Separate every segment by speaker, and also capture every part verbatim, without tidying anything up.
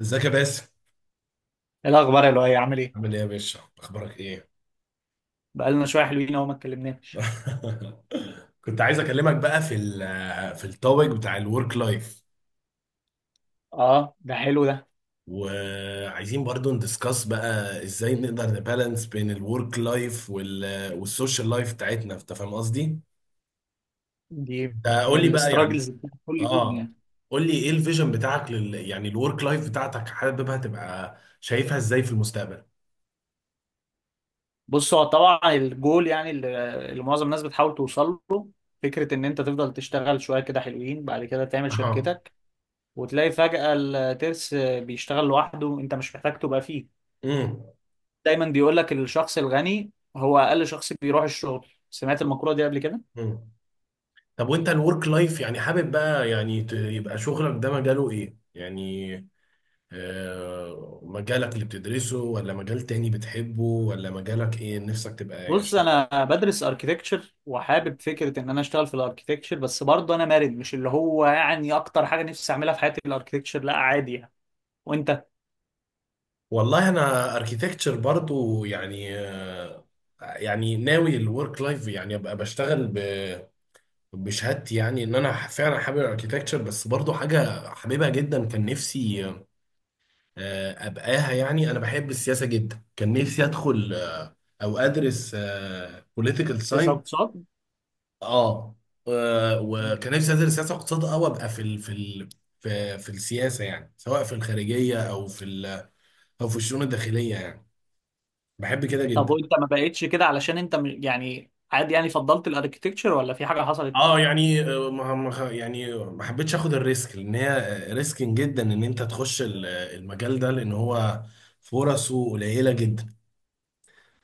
Speaker 1: ازيك يا باسم؟
Speaker 2: إيه الاخبار يا لؤي، عامل ايه؟
Speaker 1: عامل ايه يا باشا؟ اخبارك ايه؟
Speaker 2: بقالنا شويه حلوين اهو ما اتكلمناش.
Speaker 1: كنت عايز اكلمك بقى في ال في التوبيك بتاع الورك لايف.
Speaker 2: اه، ده حلو ده.
Speaker 1: وعايزين برضو ندiscuss بقى ازاي نقدر نبالانس بين الورك لايف وال والسوشيال لايف بتاعتنا، انت فاهم قصدي؟
Speaker 2: دي
Speaker 1: انت
Speaker 2: من
Speaker 1: قول لي بقى، يعني
Speaker 2: الاستراجلز كل يوم
Speaker 1: اه
Speaker 2: يعني.
Speaker 1: قول لي ايه الفيجن بتاعك لل يعني الورك لايف بتاعتك، حاببها تبقى شايفها ازاي في المستقبل؟
Speaker 2: بص، هو طبعا الجول يعني اللي اللي معظم الناس بتحاول توصل له فكره ان انت تفضل تشتغل شويه كده حلوين، بعد كده تعمل
Speaker 1: اها.
Speaker 2: شركتك وتلاقي فجاه الترس بيشتغل لوحده، انت مش محتاج تبقى فيه. دايما بيقول لك الشخص الغني هو اقل شخص بيروح الشغل. سمعت المقوله دي قبل كده؟
Speaker 1: امم. طب وانت الورك لايف، يعني حابب بقى، يعني ت- يبقى شغلك ده مجاله ايه؟ يعني آه، مجالك اللي بتدرسه ولا مجال تاني بتحبه ولا مجالك ايه نفسك تبقى ايه؟
Speaker 2: بص،
Speaker 1: عشان
Speaker 2: انا بدرس اركيتكتشر وحابب فكره ان انا اشتغل في الاركيتكتشر، بس برضه انا مرن. مش اللي هو يعني اكتر حاجه نفسي اعملها في حياتي الاركيتكتشر، لا عادي يعني. وانت؟
Speaker 1: والله انا اركيتكتشر برضو يعني. آه، يعني ناوي الورك لايف يعني ابقى بشتغل ب- بشهادتي، يعني ان انا فعلا حابب الاركيتكتشر، بس برضو حاجة حاببها جدا كان نفسي آه، ابقاها، يعني انا بحب السياسه جدا. كان نفسي ادخل آه، او ادرس بوليتيكال
Speaker 2: لسه
Speaker 1: ساينس.
Speaker 2: اقتصاد.
Speaker 1: اه آه، وكان نفسي ادرس سياسه واقتصاد، او ابقى في ال في ال في, في السياسه، يعني سواء في الخارجيه او في ال او في الشؤون الداخليه. يعني بحب كده
Speaker 2: طب
Speaker 1: جدا.
Speaker 2: وانت ما بقتش كده علشان انت م- يعني عادي يعني فضلت الاركيتكتشر، ولا في حاجه حصلت؟
Speaker 1: اه يعني آه، ما ما- يعني ما حبيتش اخد الريسك، لان هي ريسكين جدا ان انت تخش ال- المجال ده، لان هو فرصه قليله جدا.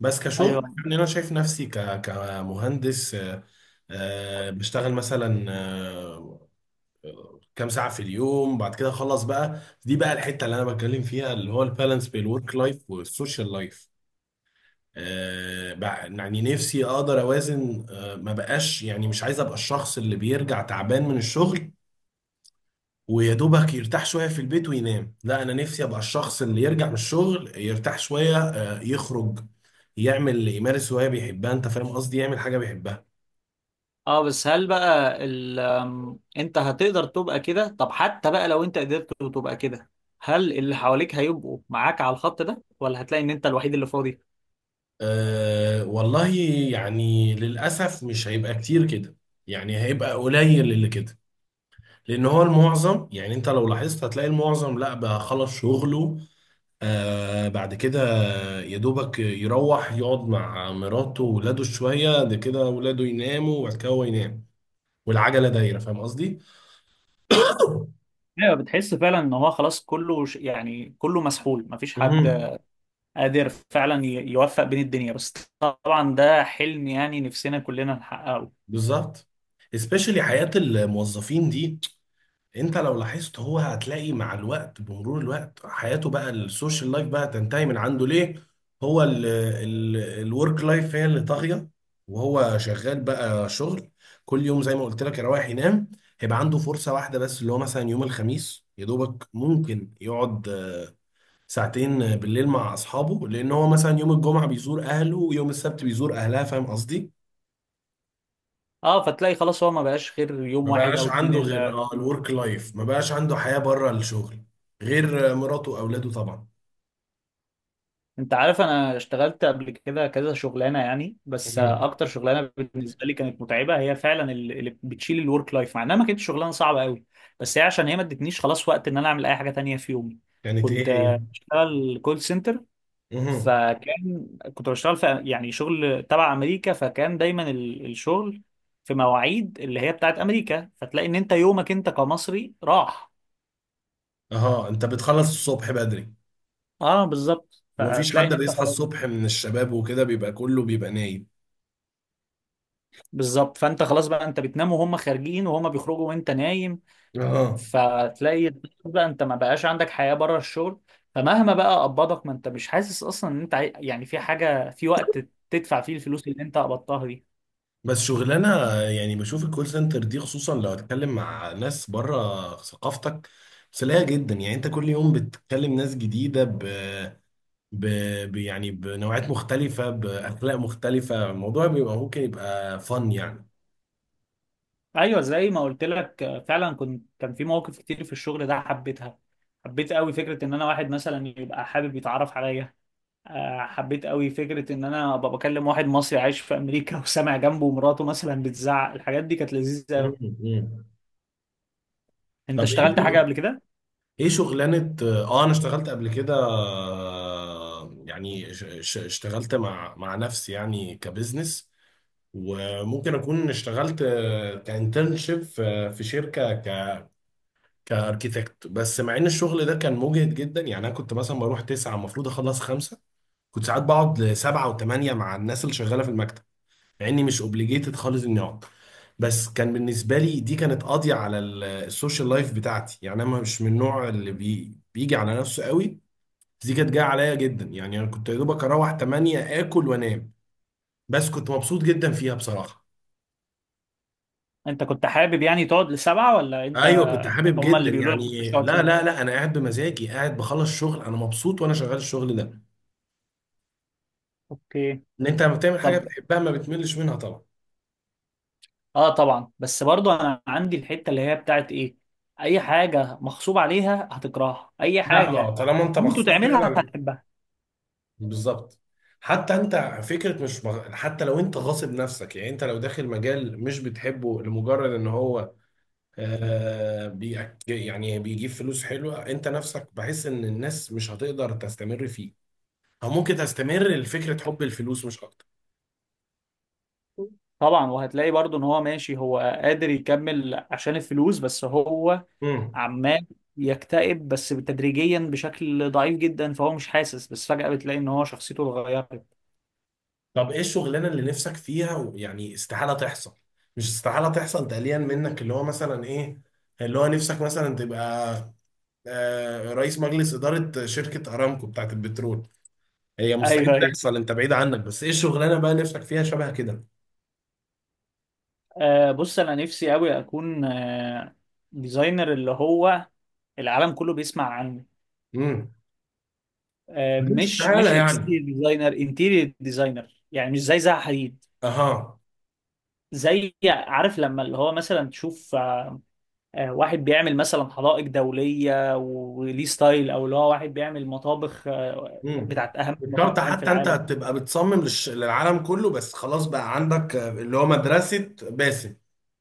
Speaker 1: بس كشغل،
Speaker 2: ايوه.
Speaker 1: يعني انا شايف نفسي ك كمهندس. آه، آه، بشتغل مثلا آه، كام ساعه في اليوم، بعد كده اخلص. بقى دي بقى الحته اللي انا بتكلم فيها، اللي هو البالانس بين الورك لايف والسوشيال لايف. آه، بع- يعني نفسي اقدر اوازن. آه، ما بقاش، يعني مش عايز ابقى الشخص اللي بيرجع تعبان من الشغل ويا دوبك يرتاح شويه في البيت وينام. لا، انا نفسي ابقى الشخص اللي يرجع من الشغل يرتاح شويه آه، يخرج، يعمل، يمارس هوايه بيحبها، انت فاهم قصدي؟ يعمل حاجه بيحبها.
Speaker 2: اه بس هل بقى ال... أم، انت هتقدر تبقى كده؟ طب حتى بقى لو انت قدرت تبقى كده، هل اللي حواليك هيبقوا معاك على الخط ده، ولا هتلاقي ان انت الوحيد اللي فاضي؟
Speaker 1: أه والله، يعني للاسف مش هيبقى كتير كده، يعني هيبقى قليل اللي كده، لان هو المعظم، يعني انت لو لاحظت هتلاقي المعظم لا بقى خلص شغله آه بعد كده يا دوبك يروح يقعد مع مراته وولاده شويه، ده كده ولاده يناموا وبعد كده هو ينام، والعجله دايره، فاهم قصدي؟
Speaker 2: ايوه، بتحس فعلا ان هو خلاص كله ش- يعني كله مسحول، مفيش حد
Speaker 1: مهم.
Speaker 2: قادر فعلا ي- يوفق بين الدنيا، بس طبعا ده حلم يعني نفسنا كلنا نحققه.
Speaker 1: بالظبط. especially حياة الموظفين دي، انت لو لاحظت هو هتلاقي مع الوقت، بمرور الوقت حياته بقى السوشيال لايف بقى تنتهي من عنده. ليه؟ هو الورك لايف هي اللي طاغية، وهو شغال بقى شغل كل يوم زي ما قلت لك، يروح ينام. هيبقى عنده فرصة واحدة بس، اللي هو مثلا يوم الخميس يا دوبك ممكن يقعد آه، ساعتين بالليل مع أصحابه، لأن هو مثلا يوم الجمعة بيزور أهله، ويوم السبت بيزور أهلها، فاهم قصدي؟
Speaker 2: اه، فتلاقي خلاص هو ما بقاش غير
Speaker 1: ما
Speaker 2: يوم واحد
Speaker 1: بقاش
Speaker 2: او اتنين
Speaker 1: عنده غير
Speaker 2: اللي.
Speaker 1: اه الورك لايف، ما بقاش عنده حياة بره الشغل غير مراته واولاده طبعا.
Speaker 2: انت عارف انا اشتغلت قبل كده كذا شغلانه يعني، بس
Speaker 1: مهم.
Speaker 2: اكتر شغلانه بالنسبه لي كانت متعبه هي فعلا ال- اللي بتشيل الورك لايف، مع انها ما كانتش شغلانه صعبه قوي. بس هي عشان هي ما ادتنيش خلاص وقت ان انا اعمل اي حاجه تانية في يومي.
Speaker 1: كانت ايه
Speaker 2: كنت
Speaker 1: هي؟
Speaker 2: آه، بشتغل كول سنتر.
Speaker 1: مهم.
Speaker 2: فكان كنت بشتغل في يعني شغل تبع امريكا، فكان دايما ال- الشغل في مواعيد اللي هي بتاعت امريكا، فتلاقي ان انت يومك انت كمصري راح.
Speaker 1: اها، انت بتخلص الصبح بدري
Speaker 2: اه بالظبط،
Speaker 1: ومفيش
Speaker 2: فتلاقي
Speaker 1: حد
Speaker 2: ان انت
Speaker 1: بيصحى
Speaker 2: خلاص.
Speaker 1: الصبح من الشباب وكده، بيبقى كله بيبقى نايم.
Speaker 2: بالظبط، فانت خلاص بقى انت بتنام وهم خارجين، وهم بيخرجوا وانت نايم.
Speaker 1: اها.
Speaker 2: فتلاقي بقى انت ما بقاش عندك حياة بره الشغل، فمهما بقى قبضك ما انت مش حاسس اصلا ان انت عاي- يعني في حاجة في وقت تدفع فيه الفلوس اللي انت قبضتها دي.
Speaker 1: بس شغلانة، يعني بشوف الكول سنتر دي، خصوصا لو هتكلم مع ناس بره ثقافتك، سلاية جدا. يعني انت كل يوم بتتكلم ناس جديدة ب... ب... ب... يعني بنوعات مختلفة، بأخلاق مختلفة، الموضوع بيبقى ممكن يبقى فن يعني.
Speaker 2: ايوه، زي ما قلت لك، آه، فعلا كنت كان في مواقف كتير في الشغل ده حبيتها. حبيت قوي فكره ان انا واحد مثلا يبقى حابب يتعرف عليا. آه، حبيت قوي فكره ان انا ابقى بكلم واحد مصري عايش في امريكا وسامع جنبه مراته مثلا بتزعق. الحاجات دي كانت لذيذه
Speaker 1: مم.
Speaker 2: قوي.
Speaker 1: مم.
Speaker 2: انت
Speaker 1: طب ايه
Speaker 2: اشتغلت حاجه
Speaker 1: شغل...
Speaker 2: قبل كده؟
Speaker 1: ايه شغلانة؟ اه انا اشتغلت قبل كده آه، يعني ش... ش... اشتغلت مع مع نفسي يعني كبزنس. وممكن اكون اشتغلت كانترنشيب في في شركة ك... كاركيتكت. بس مع ان الشغل ده كان مجهد جدا، يعني انا كنت مثلا بروح تسعة، المفروض اخلص خمسة، كنت ساعات بقعد لسبعة وثمانية مع الناس اللي شغالة في المكتب، مع اني مش اوبليجيتد خالص اني اقعد. بس كان بالنسبه لي دي كانت قاضيه على ال- السوشيال لايف بتاعتي. يعني انا مش من النوع اللي بي بيجي على نفسه قوي، بس دي كانت جايه عليا جدا. يعني انا كنت يا دوبك اروح تمانية اكل وانام، بس كنت مبسوط جدا فيها بصراحه.
Speaker 2: انت كنت حابب يعني تقعد لسبعه، ولا انت
Speaker 1: ايوه كنت حابب
Speaker 2: هما
Speaker 1: جدا
Speaker 2: اللي بيقولوا لك مش
Speaker 1: يعني.
Speaker 2: تقعد
Speaker 1: لا لا
Speaker 2: شويه؟
Speaker 1: لا، انا قاعد بمزاجي، قاعد بخلص شغل، انا مبسوط وانا شغال الشغل ده.
Speaker 2: اوكي.
Speaker 1: ان انت لما بتعمل حاجه
Speaker 2: طب
Speaker 1: بتحبها ما بتملش منها طبعا.
Speaker 2: اه طبعا، بس برضو انا عندي الحته اللي هي بتاعت ايه: اي حاجه مغصوب عليها هتكرهها، اي
Speaker 1: لا اه،
Speaker 2: حاجه
Speaker 1: طالما انت
Speaker 2: هتموت
Speaker 1: مخصوص
Speaker 2: وتعملها
Speaker 1: فعلا.
Speaker 2: هتحبها.
Speaker 1: بالظبط. حتى انت فكره مش مغ... حتى لو انت غاصب نفسك، يعني انت لو داخل مجال مش بتحبه لمجرد ان هو آه بي... يعني بيجيب فلوس حلوه، انت نفسك بحس ان الناس مش هتقدر تستمر فيه، او ممكن تستمر لفكره حب الفلوس مش اكتر.
Speaker 2: طبعا، وهتلاقي برضو ان هو ماشي، هو قادر يكمل عشان الفلوس، بس هو
Speaker 1: امم.
Speaker 2: عمال يكتئب بس تدريجيا بشكل ضعيف جدا فهو مش حاسس. بس فجأة بتلاقي ان هو شخصيته اتغيرت.
Speaker 1: طب ايه الشغلانه اللي نفسك فيها و- يعني استحاله تحصل، مش استحاله تحصل تقليلا منك، اللي هو مثلا ايه اللي هو نفسك مثلا تبقى آه رئيس مجلس اداره شركه ارامكو بتاعت البترول؟ هي
Speaker 2: ايوه
Speaker 1: مستحيل
Speaker 2: ايوه.
Speaker 1: تحصل، انت بعيد عنك، بس ايه الشغلانه بقى نفسك فيها شبه كده؟
Speaker 2: آه، بص، انا نفسي قوي اكون آه ديزاينر اللي هو العالم كله بيسمع عنه.
Speaker 1: امم.
Speaker 2: آه،
Speaker 1: مش
Speaker 2: مش
Speaker 1: تعالى
Speaker 2: مش
Speaker 1: يعني.
Speaker 2: اكستيريور ديزاينر، انتيريور ديزاينر، يعني مش زي زها حديد.
Speaker 1: اها.
Speaker 2: زي، عارف لما اللي هو مثلا تشوف آه، آه، واحد بيعمل مثلا حدائق دولية وليه ستايل، او اللي هو واحد بيعمل مطابخ آه،
Speaker 1: امم.
Speaker 2: بتاعت اهم
Speaker 1: مش شرط
Speaker 2: المطاعم في
Speaker 1: حتى، انت
Speaker 2: العالم.
Speaker 1: هتبقى بتصمم للش... للعالم كله، بس خلاص بقى عندك آه، اللي هو مدرسه باسم،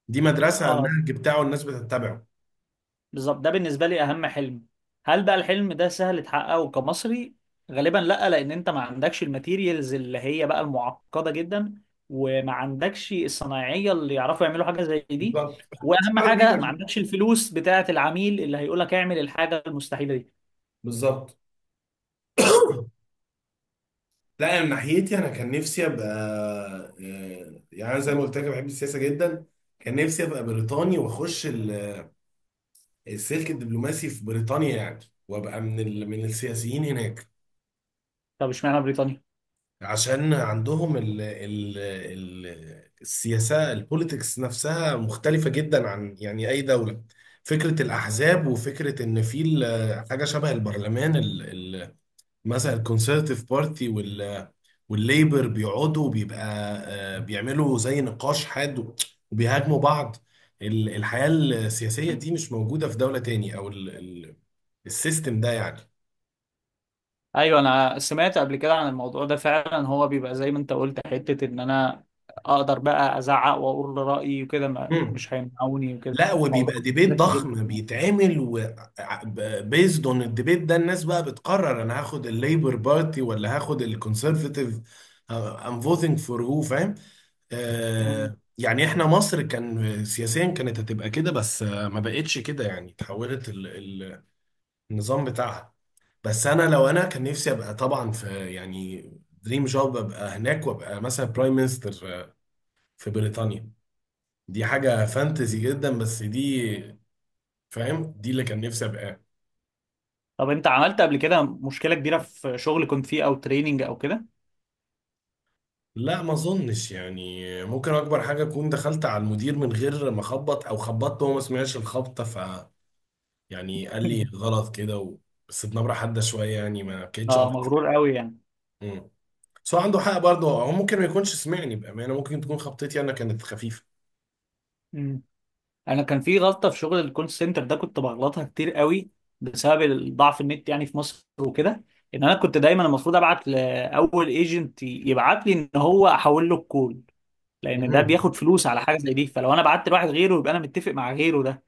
Speaker 1: دي مدرسه
Speaker 2: اه
Speaker 1: النهج بتاعه الناس بتتبعه.
Speaker 2: بالظبط، ده بالنسبة لي أهم حلم. هل بقى الحلم ده سهل تحققه كمصري؟ غالبا لأ، لأن أنت ما عندكش الماتيريالز اللي هي بقى المعقدة جدا، وما عندكش الصنايعية اللي يعرفوا يعملوا حاجة زي دي،
Speaker 1: بالظبط.
Speaker 2: وأهم
Speaker 1: اشتغل
Speaker 2: حاجة
Speaker 1: بايدك
Speaker 2: ما
Speaker 1: بقى.
Speaker 2: عندكش الفلوس بتاعة العميل اللي هيقول لك اعمل الحاجة المستحيلة دي.
Speaker 1: بالظبط. لا من ناحيتي انا كان نفسي ابقى آه، يعني أنا زي ما قلت لك أنا بحب السياسه جدا. كان نفسي ابقى بريطاني واخش ال- السلك الدبلوماسي في بريطانيا يعني، وابقى من ال... من السياسيين هناك.
Speaker 2: طب اشمعنى بريطانيا؟
Speaker 1: عشان عندهم ال... ال... ال... السياسة، البوليتكس نفسها مختلفة جدا عن يعني أي دولة. فكرة الأحزاب، وفكرة إن في ال- حاجة شبه البرلمان ال... ال... مثلا الكونسرتيف بارتي وال... والليبر، بيقعدوا بيبقى آه، بيعملوا زي نقاش حاد، وبيهاجموا بعض. ال- الحياة السياسية دي مش موجودة في دولة تاني، أو ال... ال... السيستم ده يعني.
Speaker 2: أيوه، أنا سمعت قبل كده عن الموضوع ده. فعلا هو بيبقى زي ما أنت قلت، حتة إن أنا أقدر بقى أزعق وأقول رأيي وكده، ما-
Speaker 1: مم.
Speaker 2: مش هيمنعوني وكده.
Speaker 1: لا،
Speaker 2: موضوع
Speaker 1: وبيبقى ديبيت
Speaker 2: ذكي
Speaker 1: ضخم
Speaker 2: جدا.
Speaker 1: بيتعمل و بيزد اون الديبيت ده الناس بقى بتقرر انا هاخد الليبر بارتي ولا هاخد الكونسرفاتيف. ام فوتنج فور، هو فاهم.
Speaker 2: مم.
Speaker 1: آه، يعني احنا مصر كان سياسيا كانت هتبقى كده، بس آه، ما بقتش كده. يعني تحولت ال- ال- النظام بتاعها. بس انا لو انا كان نفسي ابقى طبعا في يعني دريم جوب، ابقى هناك وابقى مثلا برايم مينستر في بريطانيا. دي حاجة فانتزي جدا، بس دي فاهم دي اللي كان نفسي ابقى.
Speaker 2: طب انت عملت قبل كده مشكلة كبيرة في شغل كنت فيه او تريننج او كده؟
Speaker 1: لا ما اظنش. يعني ممكن اكبر حاجه اكون دخلت على المدير من غير ما اخبط، او خبطت وهو ما سمعش الخبطه. ف يعني قال لي غلط كده و... بس بنبره حاده شويه، يعني ما بكيتش
Speaker 2: اه،
Speaker 1: اكتر.
Speaker 2: مغرور قوي يعني.
Speaker 1: امم. بس هو عنده حق برضه، هو ممكن ما يكونش سمعني بامانه، ممكن تكون خبطتي انا كانت خفيفه.
Speaker 2: مم. انا كان في غلطة في شغل الكول سنتر ده كنت بغلطها كتير قوي بسبب ضعف النت يعني في مصر وكده. ان انا كنت دايما المفروض ابعت لاول ايجنت يبعت لي ان هو احول له الكول، لان ده
Speaker 1: مهم.
Speaker 2: بياخد فلوس على حاجة زي دي. فلو انا بعت لواحد غيره يبقى انا متفق مع غيره ده.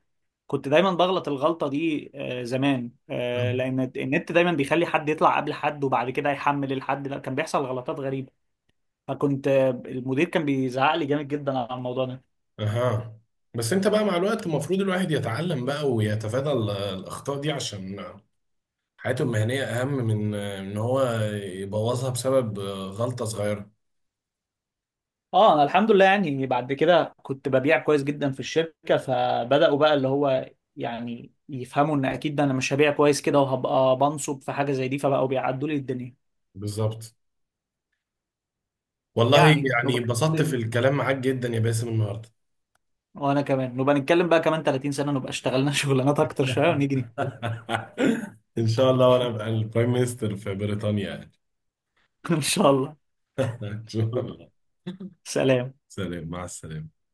Speaker 2: كنت دايما بغلط الغلطة دي آه، زمان، آه، لأن النت دايما بيخلي حد يطلع قبل حد، وبعد كده يحمل الحد، لا كان بيحصل غلطات غريبة. فكنت آه، المدير كان بيزعق لي جامد جدا على الموضوع ده.
Speaker 1: اها، بس انت بقى مع الوقت المفروض الواحد يتعلم بقى ويتفادى ال- الاخطاء دي، عشان حياته المهنية أهم من آه، إن هو يبوظها بسبب آه، غلطة صغيرة.
Speaker 2: اه، انا الحمد لله يعني بعد كده كنت ببيع كويس جدا في الشركة، فبدأوا بقى اللي هو يعني يفهموا ان اكيد انا مش هبيع كويس كده وهبقى بنصب في حاجة زي دي، فبقوا بيعدوا لي الدنيا.
Speaker 1: بالظبط. والله
Speaker 2: يعني
Speaker 1: يعني
Speaker 2: نبقى
Speaker 1: اتبسطت في
Speaker 2: نتكلم،
Speaker 1: الكلام معاك جدا يا باسم النهاردة.
Speaker 2: وانا كمان نبقى نتكلم بقى كمان 30 سنة، نبقى اشتغلنا شغلانات اكتر شوية، ونيجي نتكلم.
Speaker 1: إن شاء الله وأنا أبقى البرايم مينستر في بريطانيا يعني.
Speaker 2: ان شاء الله.
Speaker 1: إن شاء الله.
Speaker 2: سلام.
Speaker 1: سلام. مع السلامة.